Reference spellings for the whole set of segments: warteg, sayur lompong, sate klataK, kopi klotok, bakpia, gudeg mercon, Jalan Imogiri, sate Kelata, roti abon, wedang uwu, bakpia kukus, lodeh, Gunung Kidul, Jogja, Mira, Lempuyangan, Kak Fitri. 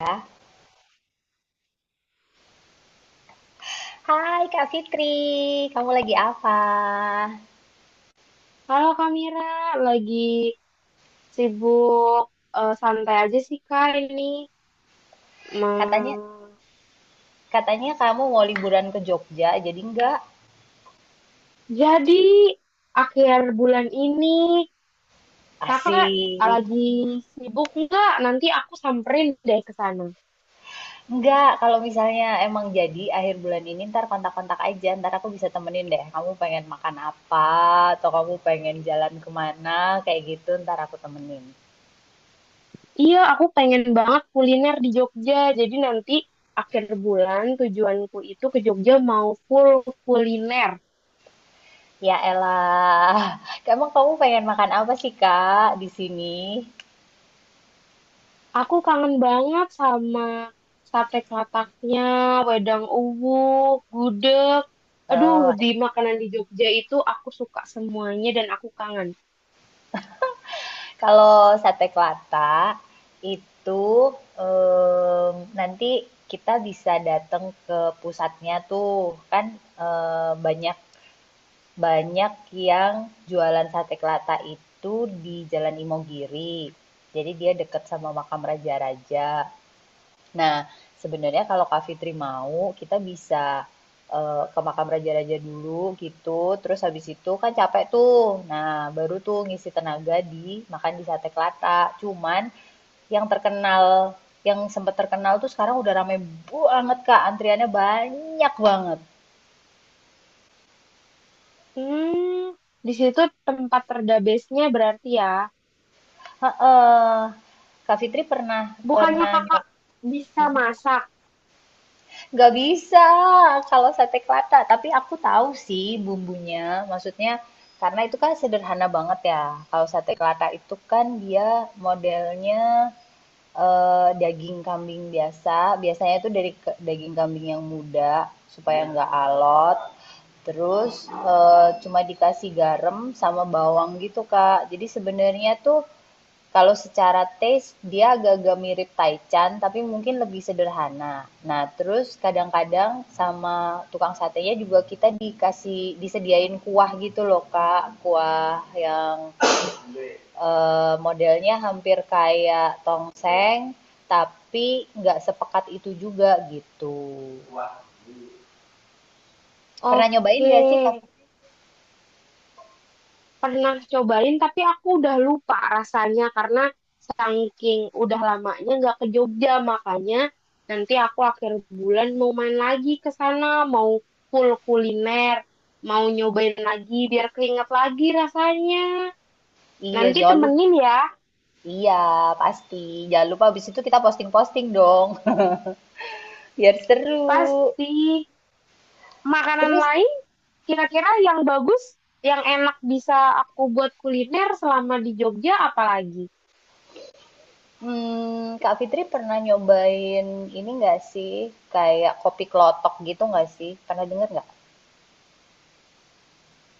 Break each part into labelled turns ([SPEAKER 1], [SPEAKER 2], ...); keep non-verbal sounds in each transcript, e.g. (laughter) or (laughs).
[SPEAKER 1] Ya. Hai Kak Fitri, kamu lagi apa?
[SPEAKER 2] Halo Kak Mira, lagi sibuk santai aja sih Kak ini.
[SPEAKER 1] Katanya
[SPEAKER 2] Ma-
[SPEAKER 1] katanya kamu mau liburan ke Jogja, jadi enggak?
[SPEAKER 2] Jadi akhir bulan ini Kakak
[SPEAKER 1] Asik.
[SPEAKER 2] lagi sibuk nggak? Nanti aku samperin deh ke sana.
[SPEAKER 1] Enggak, kalau misalnya emang jadi akhir bulan ini ntar kontak-kontak aja, ntar aku bisa temenin deh. Kamu pengen makan apa, atau kamu pengen jalan kemana, kayak gitu ntar aku temenin.
[SPEAKER 2] Iya, aku pengen banget kuliner di Jogja. Jadi nanti akhir bulan tujuanku itu ke Jogja mau full kuliner.
[SPEAKER 1] Ya elah, (laughs) emang kamu pengen makan apa sih Kak di sini?
[SPEAKER 2] Aku kangen banget sama sate klataknya, wedang uwu, gudeg. Aduh,
[SPEAKER 1] Eh,
[SPEAKER 2] di makanan di Jogja itu aku suka semuanya dan aku kangen.
[SPEAKER 1] kalau sate Kelata itu, nanti kita bisa datang ke pusatnya tuh. Kan, banyak banyak yang jualan sate Kelata itu di Jalan Imogiri. Jadi dia dekat sama makam raja-raja. Nah, sebenarnya kalau Kak Fitri mau, kita bisa ke makam raja-raja dulu gitu. Terus habis itu kan capek tuh. Nah, baru tuh ngisi tenaga di makan di sate kelata. Cuman yang terkenal, yang sempat terkenal tuh sekarang udah rame banget Kak. Antriannya banyak banget.
[SPEAKER 2] Hmm, di situ tempat terdabesnya berarti ya.
[SPEAKER 1] Heeh. Kak Fitri pernah
[SPEAKER 2] Bukannya
[SPEAKER 1] pernah
[SPEAKER 2] kakak bisa masak?
[SPEAKER 1] nggak bisa kalau sate Kelata, tapi aku tahu sih bumbunya. Maksudnya karena itu kan sederhana banget ya. Kalau sate Kelata itu kan dia modelnya daging kambing biasa. Biasanya itu dari daging kambing yang muda supaya nggak alot. Terus cuma dikasih garam sama bawang gitu, Kak. Jadi sebenarnya tuh kalau secara taste dia agak-agak mirip taichan tapi mungkin lebih sederhana. Nah, terus kadang-kadang sama tukang satenya juga kita dikasih disediain kuah gitu loh, Kak. Kuah yang modelnya hampir kayak tongseng tapi nggak sepekat itu juga gitu. Pernah nyobain
[SPEAKER 2] Oke.
[SPEAKER 1] gak sih, Kak?
[SPEAKER 2] Pernah cobain tapi aku udah lupa rasanya karena saking udah lamanya nggak ke Jogja, makanya nanti aku akhir bulan mau main lagi ke sana, mau full kuliner, mau nyobain lagi biar keinget lagi rasanya.
[SPEAKER 1] Iya,
[SPEAKER 2] Nanti
[SPEAKER 1] jangan lupa.
[SPEAKER 2] temenin ya,
[SPEAKER 1] Iya, pasti. Jangan lupa habis itu kita posting-posting dong. (laughs) Biar seru.
[SPEAKER 2] pasti. Makanan
[SPEAKER 1] Terus
[SPEAKER 2] lain kira-kira yang bagus, yang enak bisa aku buat kuliner selama di Jogja apalagi?
[SPEAKER 1] Mmm, Kak Fitri pernah nyobain ini nggak sih, kayak kopi klotok gitu nggak sih? Pernah denger nggak?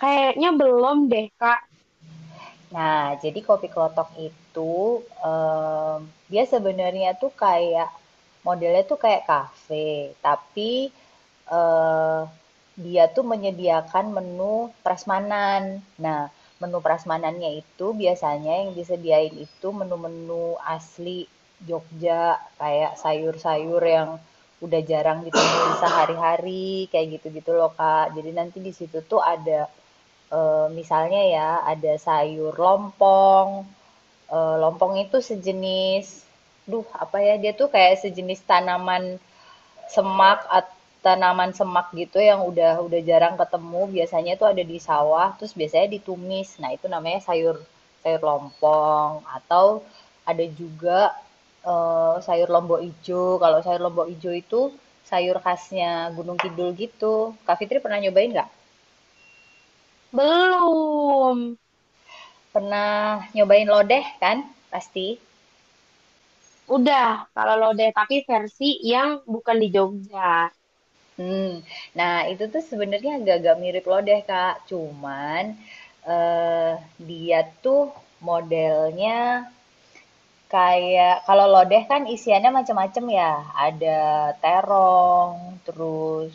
[SPEAKER 2] Kayaknya belum deh Kak.
[SPEAKER 1] Nah, jadi kopi klotok itu dia sebenarnya tuh kayak modelnya tuh kayak kafe, tapi eh, dia tuh menyediakan menu prasmanan. Nah, menu prasmanannya itu biasanya yang disediain itu menu-menu asli Jogja, kayak sayur-sayur yang udah jarang ditemui sehari-hari, kayak gitu-gitu loh, Kak. Jadi nanti di situ tuh ada misalnya ya ada sayur lompong. Eh, lompong itu sejenis, duh apa ya dia tuh kayak sejenis tanaman semak atau tanaman semak gitu yang udah jarang ketemu. Biasanya tuh ada di sawah, terus biasanya ditumis. Nah itu namanya sayur sayur lompong atau ada juga sayur lombok ijo. Kalau sayur lombok ijo itu sayur khasnya Gunung Kidul gitu. Kak Fitri pernah nyobain nggak?
[SPEAKER 2] Belum.
[SPEAKER 1] Pernah nyobain lodeh kan? Pasti.
[SPEAKER 2] Udah, kalau lodeh, tapi versi yang bukan di Jogja.
[SPEAKER 1] Hmm. Nah, itu tuh sebenarnya agak-agak mirip lodeh, Kak. Cuman, eee, dia tuh modelnya kayak kalau lodeh kan isiannya macem-macem ya, ada terong, terus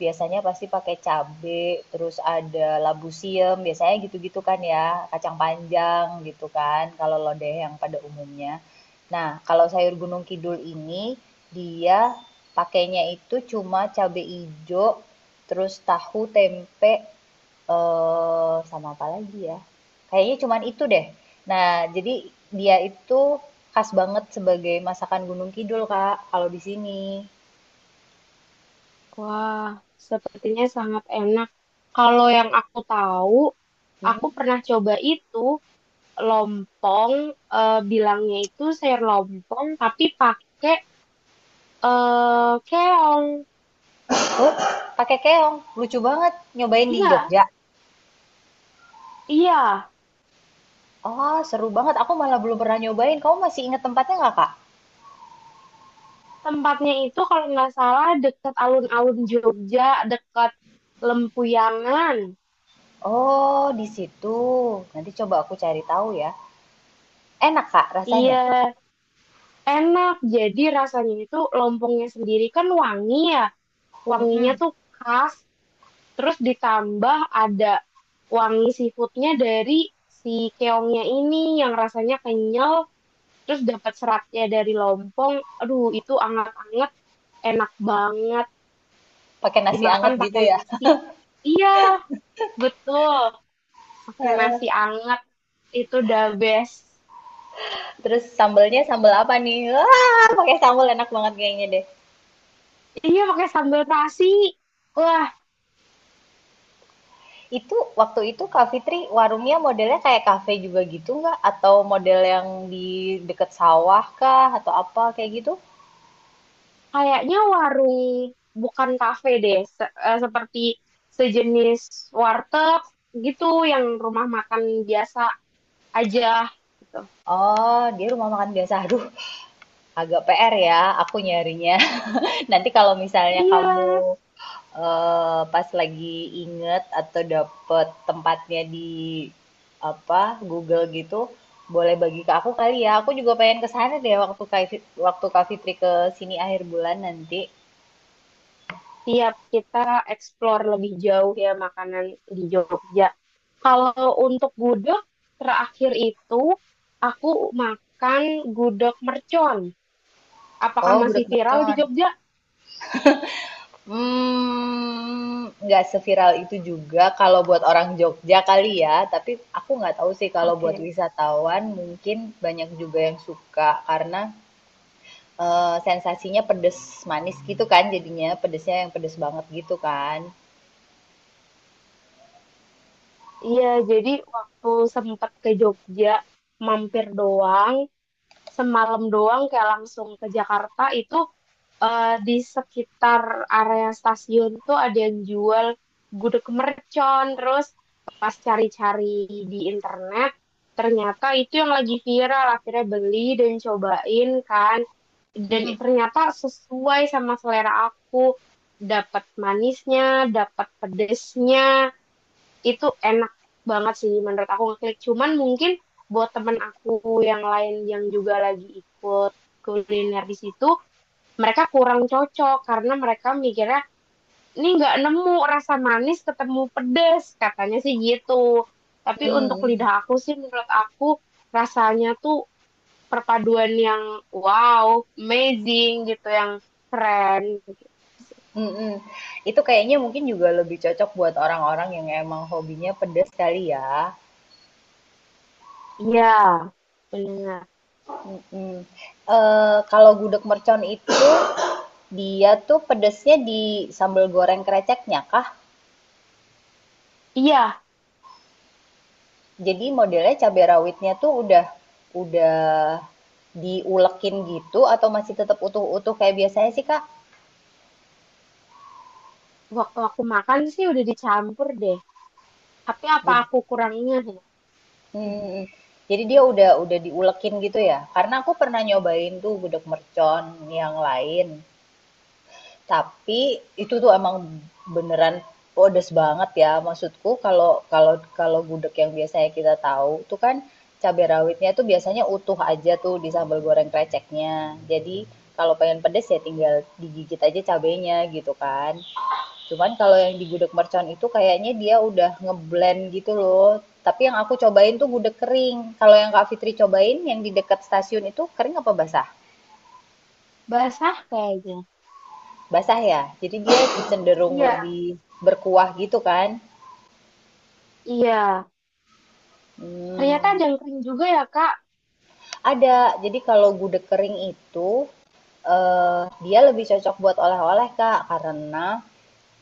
[SPEAKER 1] biasanya pasti pakai cabe, terus ada labu siam, biasanya gitu-gitu kan ya, kacang panjang gitu kan, kalau lodeh yang pada umumnya. Nah, kalau sayur Gunung Kidul ini dia pakainya itu cuma cabe hijau terus tahu, tempe, eh sama apa lagi ya? Kayaknya cuman itu deh. Nah, jadi dia itu khas banget sebagai masakan Gunung Kidul, Kak, kalau di sini.
[SPEAKER 2] Wah, sepertinya sangat enak. Kalau yang aku tahu,
[SPEAKER 1] Mm-mm.
[SPEAKER 2] aku pernah coba itu lompong, eh, bilangnya itu sayur lompong, tapi pakai keong.
[SPEAKER 1] Pakai keong. Lucu banget. Nyobain di
[SPEAKER 2] Iya,
[SPEAKER 1] Jogja.
[SPEAKER 2] iya.
[SPEAKER 1] Oh, seru banget. Aku malah belum pernah nyobain. Kamu masih inget tempatnya nggak, Kak?
[SPEAKER 2] Tempatnya itu kalau nggak salah dekat alun-alun Jogja, dekat Lempuyangan.
[SPEAKER 1] Oh, di situ. Nanti coba aku cari tahu ya. Enak, Kak,
[SPEAKER 2] Iya,
[SPEAKER 1] rasanya.
[SPEAKER 2] enak. Jadi rasanya itu lompongnya sendiri kan wangi ya. Wanginya
[SPEAKER 1] Mm.
[SPEAKER 2] tuh khas, terus ditambah ada wangi seafoodnya dari si keongnya ini yang rasanya kenyal, terus dapat seratnya dari lompong, aduh itu anget-anget, enak banget
[SPEAKER 1] Pakai nasi anget
[SPEAKER 2] dimakan
[SPEAKER 1] gitu
[SPEAKER 2] pakai
[SPEAKER 1] ya.
[SPEAKER 2] nasi, iya betul,
[SPEAKER 1] (laughs)
[SPEAKER 2] pakai nasi
[SPEAKER 1] Heeh.
[SPEAKER 2] anget itu the best.
[SPEAKER 1] Terus sambelnya sambel apa nih? Wah, pakai sambel enak banget kayaknya deh.
[SPEAKER 2] Iya pakai sambal nasi, wah.
[SPEAKER 1] Itu waktu itu Kak Fitri warungnya modelnya kayak kafe juga gitu nggak? Atau model yang di deket sawah kah? Atau apa kayak gitu?
[SPEAKER 2] Kayaknya warung bukan kafe deh, seperti sejenis warteg gitu, yang rumah makan biasa aja gitu.
[SPEAKER 1] Oh, dia rumah makan biasa. Aduh, agak PR ya aku nyarinya. (laughs) Nanti kalau misalnya
[SPEAKER 2] Iya,
[SPEAKER 1] kamu pas lagi inget atau dapet tempatnya di apa Google gitu, boleh bagi ke aku kali ya. Aku juga pengen ke sana deh waktu waktu Kak Fitri ke sini akhir bulan nanti.
[SPEAKER 2] tiap kita explore lebih jauh ya makanan di Jogja. Kalau untuk gudeg terakhir itu aku makan gudeg mercon. Apakah
[SPEAKER 1] Oh,
[SPEAKER 2] masih
[SPEAKER 1] gudeg
[SPEAKER 2] viral di
[SPEAKER 1] mercon.
[SPEAKER 2] Jogja?
[SPEAKER 1] Mmm, nggak seviral itu juga kalau buat orang Jogja kali ya, tapi aku nggak tahu sih kalau buat
[SPEAKER 2] Oke.
[SPEAKER 1] wisatawan mungkin banyak juga yang suka karena, sensasinya pedes manis gitu kan jadinya, pedesnya yang pedes banget gitu kan.
[SPEAKER 2] Iya, jadi waktu sempat ke Jogja mampir doang, semalam doang kayak langsung ke Jakarta itu, di sekitar area stasiun tuh ada yang jual gudeg mercon, terus pas cari-cari di internet ternyata itu yang lagi viral, akhirnya beli dan cobain kan, dan
[SPEAKER 1] Mhm,
[SPEAKER 2] ternyata sesuai sama selera aku, dapat manisnya dapat pedesnya, itu enak banget sih menurut aku, ngeklik. Cuman mungkin buat temen aku yang lain yang juga lagi ikut kuliner di situ, mereka kurang cocok karena mereka mikirnya ini nggak nemu rasa manis ketemu pedes, katanya sih gitu. Tapi untuk
[SPEAKER 1] mmm,
[SPEAKER 2] lidah aku sih, menurut aku rasanya tuh perpaduan yang wow, amazing gitu, yang keren gitu sih.
[SPEAKER 1] mhm, mhm. Itu kayaknya mungkin juga lebih cocok buat orang-orang yang emang hobinya pedes kali ya.
[SPEAKER 2] Iya, benar.
[SPEAKER 1] Mhm. Kalau gudeg mercon itu, dia tuh pedesnya di sambal goreng kreceknya kah?
[SPEAKER 2] Iya,
[SPEAKER 1] Jadi modelnya cabai rawitnya tuh udah diulekin gitu atau masih tetap utuh-utuh kayak biasanya sih, Kak?
[SPEAKER 2] waktu aku makan sih udah dicampur deh. Tapi apa
[SPEAKER 1] Jadi
[SPEAKER 2] aku kurang ingat ya? Mhm.
[SPEAKER 1] mhm, jadi dia udah diulekin gitu ya? Karena aku pernah nyobain tuh gudeg mercon yang lain. Tapi itu tuh emang beneran pedes banget ya. Maksudku kalau kalau kalau gudeg yang biasanya kita tahu tuh kan cabai rawitnya tuh biasanya utuh aja tuh di sambal goreng kreceknya. Jadi kalau pengen pedes ya tinggal digigit aja cabenya gitu kan. Cuman kalau yang di gudeg mercon itu kayaknya dia udah ngeblend gitu loh. Tapi yang aku cobain tuh gudeg kering. Kalau yang Kak Fitri cobain yang di dekat stasiun itu kering apa basah?
[SPEAKER 2] Basah kayaknya.
[SPEAKER 1] Basah ya? Jadi dia cenderung
[SPEAKER 2] Iya,
[SPEAKER 1] lebih berkuah gitu kan?
[SPEAKER 2] iya. Ternyata
[SPEAKER 1] Hmm,
[SPEAKER 2] ada yang kering juga ya, Kak.
[SPEAKER 1] ada. Jadi kalau gudeg kering itu dia lebih cocok buat oleh-oleh Kak, karena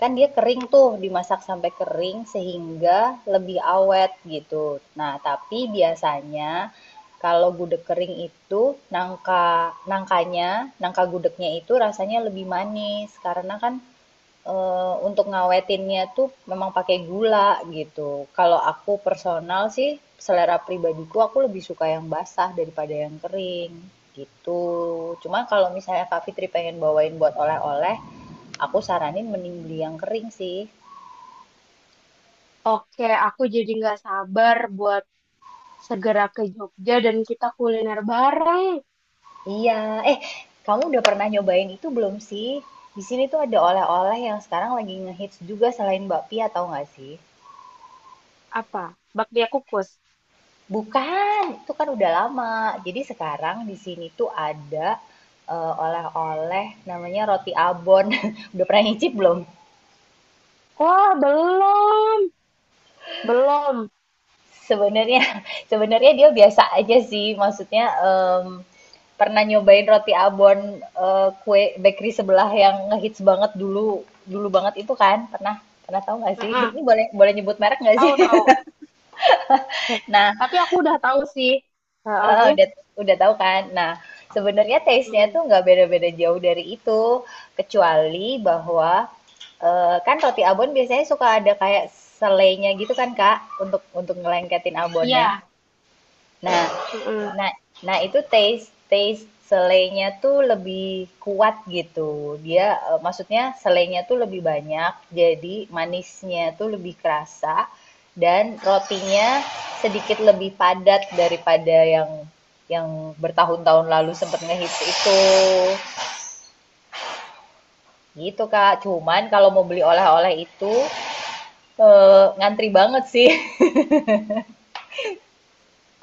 [SPEAKER 1] kan dia kering tuh, dimasak sampai kering sehingga lebih awet gitu. Nah, tapi biasanya kalau gudeg kering itu nangkanya, nangka gudegnya itu rasanya lebih manis karena kan untuk ngawetinnya tuh memang pakai gula gitu. Kalau aku personal sih, selera pribadiku aku lebih suka yang basah daripada yang kering, gitu. Cuma kalau misalnya Kak Fitri pengen bawain buat oleh-oleh, aku saranin mending beli yang kering sih.
[SPEAKER 2] Oke, aku jadi nggak sabar buat segera ke Jogja dan kita kuliner bareng.
[SPEAKER 1] Iya, eh kamu udah pernah nyobain itu belum sih? Di sini tuh ada oleh-oleh yang sekarang lagi ngehits juga selain bakpia, tahu nggak sih?
[SPEAKER 2] Apa? Bakpia kukus.
[SPEAKER 1] Bukan, itu kan udah lama. Jadi sekarang di sini tuh ada oleh-oleh namanya roti abon. (laughs) Udah pernah nyicip belum?
[SPEAKER 2] Wah, belum. Belum.
[SPEAKER 1] Sebenarnya (laughs) sebenarnya dia biasa aja sih. Maksudnya pernah nyobain kue bakery sebelah yang ngehits banget dulu dulu banget itu kan? Pernah pernah tahu nggak sih?
[SPEAKER 2] Mm-mm.
[SPEAKER 1] Ini boleh boleh nyebut merek nggak sih?
[SPEAKER 2] Tahu, tahu.
[SPEAKER 1] (laughs) Nah,
[SPEAKER 2] (laughs) Tapi aku udah tahu sih.
[SPEAKER 1] Heeh,
[SPEAKER 2] Heeh.
[SPEAKER 1] udah tahu kan? Nah, sebenarnya taste-nya tuh
[SPEAKER 2] Mm-mm.
[SPEAKER 1] nggak beda-beda jauh dari itu, kecuali bahwa kan roti abon biasanya suka ada kayak selainya gitu kan, Kak, untuk ngelengketin abonnya.
[SPEAKER 2] Iya.
[SPEAKER 1] Nah,
[SPEAKER 2] Mm-mm.
[SPEAKER 1] nah, nah itu taste taste selainya tuh lebih kuat gitu. Dia eh, maksudnya selainya tuh lebih banyak, jadi manisnya tuh lebih kerasa dan rotinya sedikit lebih padat daripada yang bertahun-tahun lalu sempet ngehits itu. Gitu Kak. Cuman kalau mau beli oleh-oleh itu ngantri banget sih.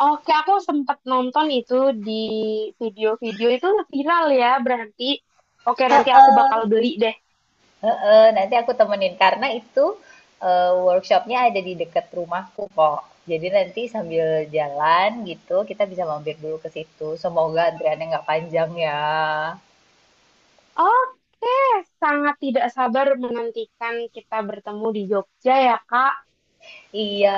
[SPEAKER 2] Oke, aku sempat nonton itu di video-video itu, viral ya, berarti. Oke, nanti aku bakal beli deh.
[SPEAKER 1] Heeh, nanti aku temenin karena itu workshopnya ada di dekat rumahku kok. Jadi nanti sambil jalan gitu kita bisa mampir dulu ke situ. Semoga antriannya nggak panjang ya.
[SPEAKER 2] Oke, sangat tidak sabar menantikan kita bertemu di Jogja ya, Kak.
[SPEAKER 1] Iya,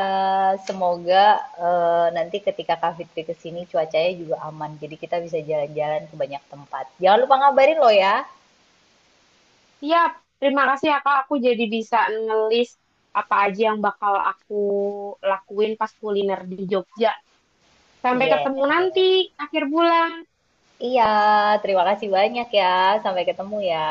[SPEAKER 1] semoga nanti ketika Kak Fitri ke sini cuacanya juga aman. Jadi kita bisa jalan-jalan ke banyak tempat. Jangan lupa ngabarin lo ya.
[SPEAKER 2] Siap, terima kasih ya, Kak. Aku jadi bisa ngelis apa aja yang bakal aku lakuin pas kuliner di Jogja. Sampai
[SPEAKER 1] Iya.
[SPEAKER 2] ketemu nanti, akhir bulan.
[SPEAKER 1] Iya, terima kasih banyak ya. Sampai ketemu ya.